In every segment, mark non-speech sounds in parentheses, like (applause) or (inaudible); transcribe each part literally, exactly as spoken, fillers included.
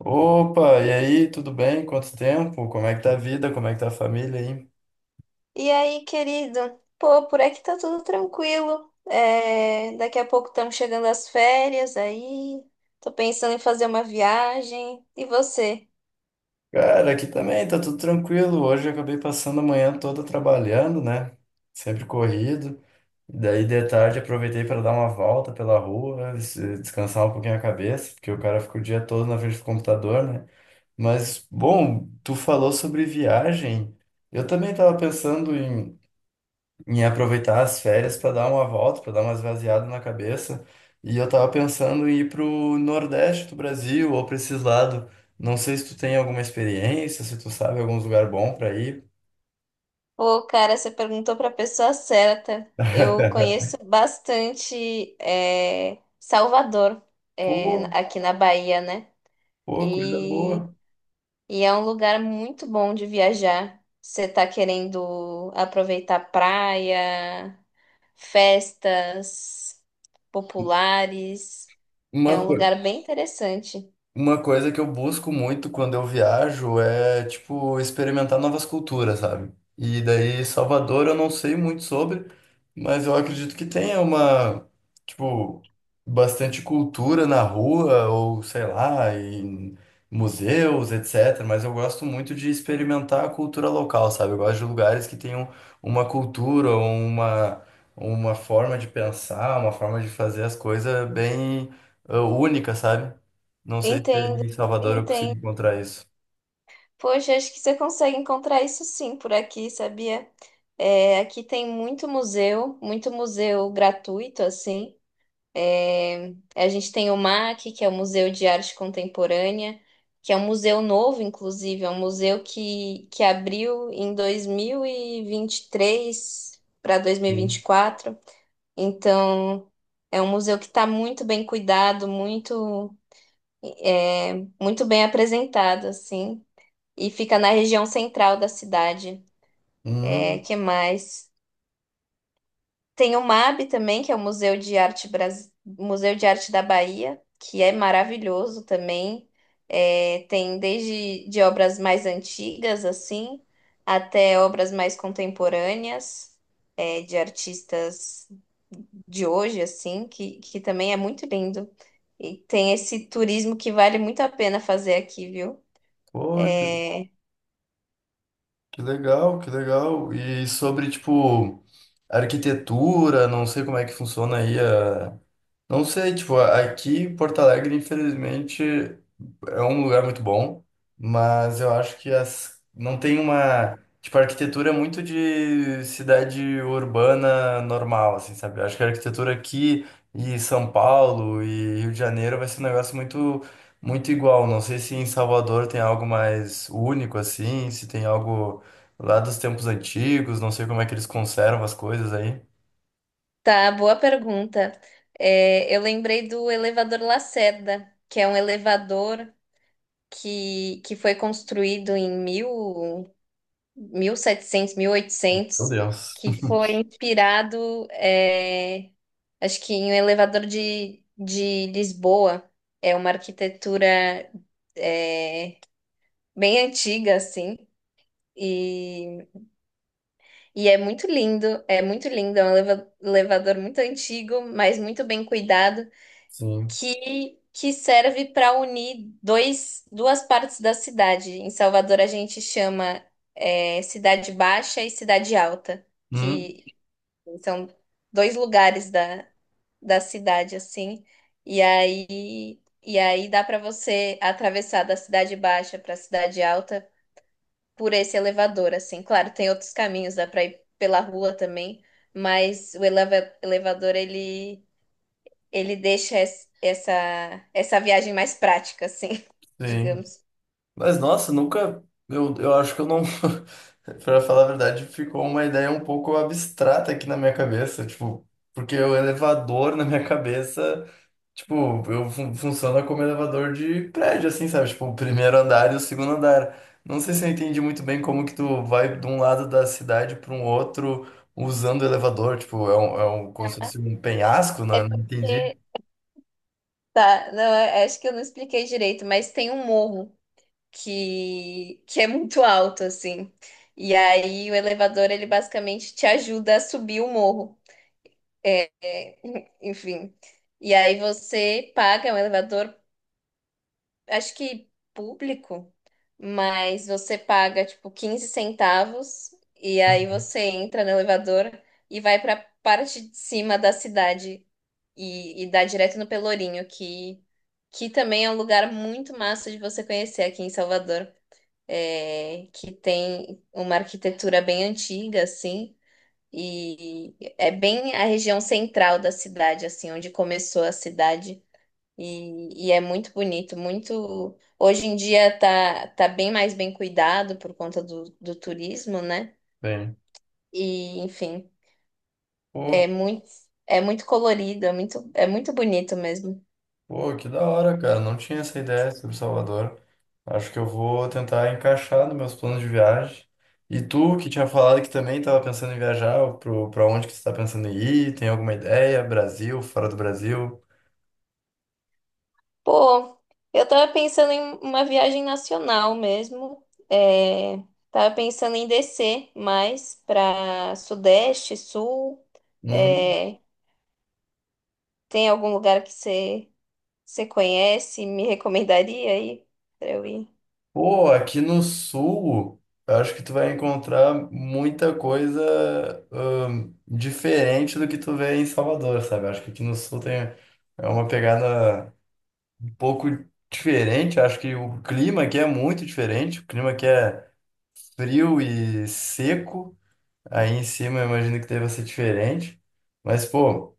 Opa, e aí, tudo bem? Quanto tempo? Como é que tá a vida? Como é que tá a família aí? E aí, querido? Pô, por aqui tá tudo tranquilo. É, daqui a pouco estamos chegando às férias aí. Tô pensando em fazer uma viagem. E você? Cara, aqui também tá tudo tranquilo. Hoje eu acabei passando a manhã toda trabalhando, né? Sempre corrido. E daí de tarde aproveitei para dar uma volta pela rua, des- descansar um pouquinho a cabeça, porque o cara fica o dia todo na frente do computador, né? Mas, bom, tu falou sobre viagem. Eu também estava pensando em aproveitar as férias para dar uma volta, para dar uma esvaziada na cabeça. E eu tava pensando em ir pro Nordeste do Brasil ou para esses lados. Não sei se tu tem alguma experiência, se tu sabe algum lugar bom para ir. Pô, cara, você perguntou pra pessoa certa. Eu (laughs) conheço bastante é, Salvador, é, Pô, aqui na Bahia, né? pô, coisa E, boa. e é um lugar muito bom de viajar. Você tá querendo aproveitar a praia? Festas populares. É Uma um coisa. lugar bem interessante. Uma coisa que eu busco muito quando eu viajo é, tipo, experimentar novas culturas, sabe? E daí, Salvador eu não sei muito sobre, mas eu acredito que tenha uma, tipo, bastante cultura na rua, ou sei lá, em museus, etcétera. Mas eu gosto muito de experimentar a cultura local, sabe? Eu gosto de lugares que tenham uma cultura, uma, uma forma de pensar, uma forma de fazer as coisas bem, eh, única, sabe? Não sei se Entendo, ali em Salvador eu consigo entendo. encontrar isso. Poxa, acho que você consegue encontrar isso sim por aqui, sabia? É, aqui tem muito museu, muito museu gratuito, assim. É, a gente tem o maque, que é o Museu de Arte Contemporânea, que é um museu novo, inclusive, é um museu que, que abriu em dois mil e vinte e três para dois mil e e vinte Hum. e quatro. Então, é um museu que está muito bem cuidado, muito, é, muito bem apresentado, assim, e fica na região central da cidade. É, Hum. que mais? Tem o mabe também, que é o Museu de Arte Bras... Museu de Arte da Bahia, que é maravilhoso também. É, tem desde de obras mais antigas, assim, até obras mais contemporâneas, é, de artistas de hoje, assim, que, que também é muito lindo. E tem esse turismo que vale muito a pena fazer aqui, viu? Pô, que, É. que legal, que legal. E sobre, tipo, arquitetura, não sei como é que funciona aí. Não sei, tipo, aqui em Porto Alegre, infelizmente, é um lugar muito bom, mas eu acho que as... não tem uma, tipo, a arquitetura é muito de cidade urbana normal, assim, sabe? Eu acho que a arquitetura aqui e São Paulo e Rio de Janeiro vai ser um negócio muito, muito igual. Não sei se em Salvador tem algo mais único, assim, se tem algo lá dos tempos antigos, não sei como é que eles conservam as coisas aí. Tá, boa pergunta. É, eu lembrei do elevador Lacerda, que é um elevador que, que foi construído em mil, 1700, Meu oitocentos, Deus. que foi (laughs) inspirado, é, acho que em um elevador de, de Lisboa. É uma arquitetura, é, bem antiga, assim. E E é muito lindo, é muito lindo, é um eleva- elevador muito antigo, mas muito bem cuidado, Sim. que, que serve para unir dois, duas partes da cidade. Em Salvador a gente chama é, Cidade Baixa e Cidade Alta, Hum, que são dois lugares da, da cidade, assim. E aí, e aí dá para você atravessar da Cidade Baixa para a Cidade Alta por esse elevador, assim. Claro, tem outros caminhos, dá para ir pela rua também, mas o eleva- elevador ele ele deixa es- essa essa viagem mais prática, assim, (laughs) sim. digamos. Mas nossa, nunca. Eu, eu acho que eu não. (laughs) Pra falar a verdade, ficou uma ideia um pouco abstrata aqui na minha cabeça. Tipo, porque o elevador na minha cabeça, tipo, eu fun funciona como elevador de prédio, assim, sabe? Tipo, o primeiro andar e o segundo andar. Não sei se eu entendi muito bem como que tu vai de um lado da cidade para um outro usando o elevador. Tipo, é um, é um, como se fosse um penhasco, É né? Não entendi. porque tá, não, é- é, acho que eu não expliquei direito, mas tem um morro que que é muito alto, assim. E aí o elevador ele basicamente te ajuda a subir o morro. É, (laughs) enfim. E aí você paga um elevador acho que público, mas você paga tipo quinze centavos e aí Uhum. você entra no elevador e vai para parte de cima da cidade e, e dá direto no Pelourinho, que que também é um lugar muito massa de você conhecer aqui em Salvador, é, que tem uma arquitetura bem antiga assim. E é bem a região central da cidade, assim, onde começou a cidade. E, e é muito bonito, muito. Hoje em dia tá, tá bem mais bem cuidado por conta do, do turismo, né? Bem. E, enfim, Pô, é muito, é muito colorido, é muito, é muito bonito mesmo. Pô, que da hora, cara. Não tinha essa ideia sobre Salvador. Acho que eu vou tentar encaixar nos meus planos de viagem. E tu, que tinha falado que também estava pensando em viajar, pro, pra onde que você está pensando em ir? Tem alguma ideia? Brasil, fora do Brasil? Pô, eu tava pensando em uma viagem nacional mesmo. É, tava pensando em descer mais pra Sudeste, Sul. Hum. É, tem algum lugar que você você conhece e me recomendaria aí pra eu ir? Pô, aqui no sul, eu acho que tu vai encontrar muita coisa hum, diferente do que tu vê em Salvador, sabe? Eu acho que aqui no sul tem é uma pegada, um pouco diferente. Acho que o clima aqui é muito diferente. O clima aqui é frio e seco. Aí em cima eu imagino que deva ser diferente. Mas, pô,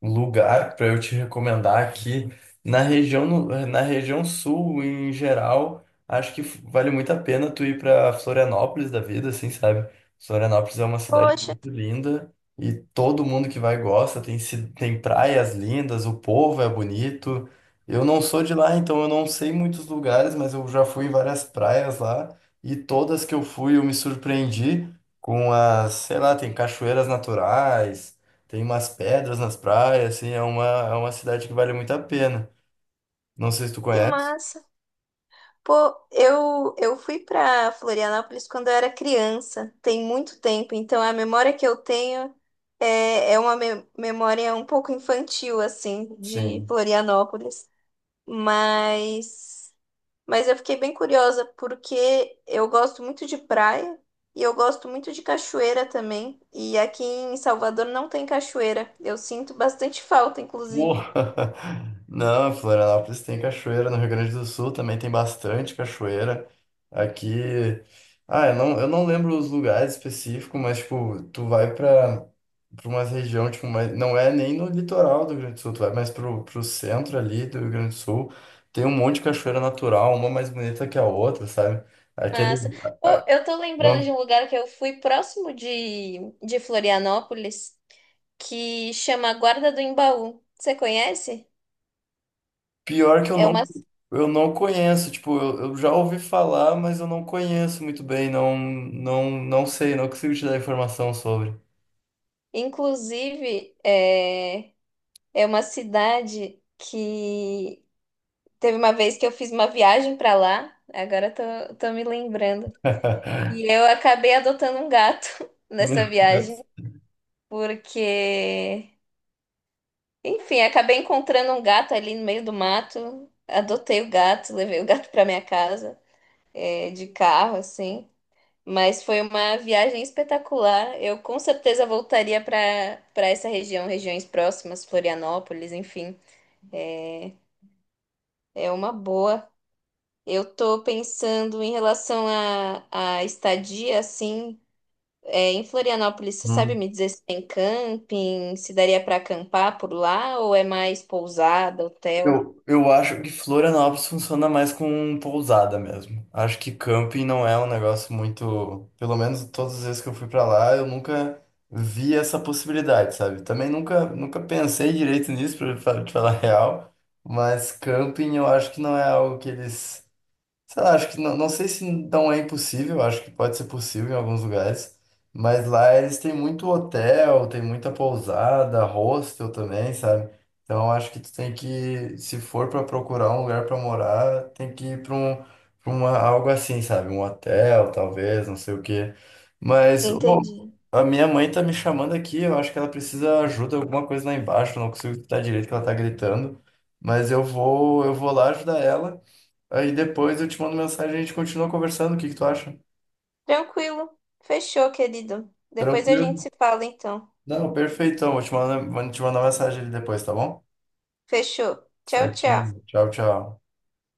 lugar para eu te recomendar aqui na região no- na região sul em geral, acho que vale muito a pena tu ir para Florianópolis da vida, assim, sabe? Florianópolis é uma cidade Poxa. muito linda, e todo mundo que vai gosta, tem ci- tem praias lindas, o povo é bonito. Eu não sou de lá, então eu não sei muitos lugares, mas eu já fui em várias praias lá e todas que eu fui eu me surpreendi com as, sei lá, tem cachoeiras naturais, tem umas pedras nas praias, assim, é uma, é uma cidade que vale muito a pena. Não sei se tu Que conhece. massa. Pô, eu, eu fui pra Florianópolis quando eu era criança, tem muito tempo, então a memória que eu tenho é, é uma me- memória um pouco infantil, assim, de Sim. Florianópolis. Mas, mas eu fiquei bem curiosa porque eu gosto muito de praia e eu gosto muito de cachoeira também. E aqui em Salvador não tem cachoeira. Eu sinto bastante falta, inclusive. Porra! (laughs) Não, Florianópolis tem cachoeira, no Rio Grande do Sul também tem bastante cachoeira. Aqui. Ah, eu não, eu não lembro os lugares específicos, mas, tipo, tu vai pra, pra uma região, tipo, mas não é nem no litoral do Rio Grande do Sul, tu vai mais pro, pro centro ali do Rio Grande do Sul. Tem um monte de cachoeira natural, uma mais bonita que a outra, sabe? Aquele. Massa. Pô, eu tô lembrando de um lugar que eu fui próximo de, de Florianópolis, que chama Guarda do Embaú. Você conhece? Pior que eu É não, uma, eu não conheço, tipo, eu, eu já ouvi falar, mas eu não conheço muito bem, não, não, não sei, não consigo te dar informação sobre. inclusive, é, é uma cidade que teve uma vez que eu fiz uma viagem pra lá, agora tô, tô me lembrando. (laughs) E eu acabei adotando um gato (laughs) nessa Meu Deus. viagem, porque enfim, acabei encontrando um gato ali no meio do mato. Adotei o gato, levei o gato para minha casa, é, de carro, assim. Mas foi uma viagem espetacular. Eu com certeza voltaria para para essa região, regiões próximas, Florianópolis, enfim. É, é uma boa. Eu tô pensando em relação à à estadia, assim, é, em Florianópolis. Você sabe Hum. me dizer se tem camping, se daria para acampar por lá ou é mais pousada, hotel? Eu, eu acho que Florianópolis funciona mais com pousada mesmo. Acho que camping não é um negócio muito. Pelo menos todas as vezes que eu fui pra lá, eu nunca vi essa possibilidade, sabe? Também nunca, nunca pensei direito nisso, pra fa- te falar (laughs) a real. Mas camping eu acho que não é algo que eles. Sei lá, acho que não, não sei se não é impossível, acho que pode ser possível em alguns lugares, mas lá eles têm muito hotel, tem muita pousada, hostel também, sabe? Então acho que tu tem que, se for para procurar um lugar para morar, tem que ir para um, pra uma, algo assim, sabe? Um hotel, talvez, não sei o quê. Mas ô, Entendi. a minha mãe tá me chamando aqui, eu acho que ela precisa ajuda, alguma coisa lá embaixo, eu não consigo escutar direito que ela tá gritando, mas eu vou, eu vou lá ajudar ela. Aí depois eu te mando mensagem, e a gente continua conversando. O que que tu acha? Tranquilo. Fechou, querido. Depois a Tranquilo? gente se fala, então. Não, perfeitão. Vou te mandar, vou te mandar mensagem ali depois, tá bom? Fechou. Tchau, tchau. Certinho. Tchau, tchau.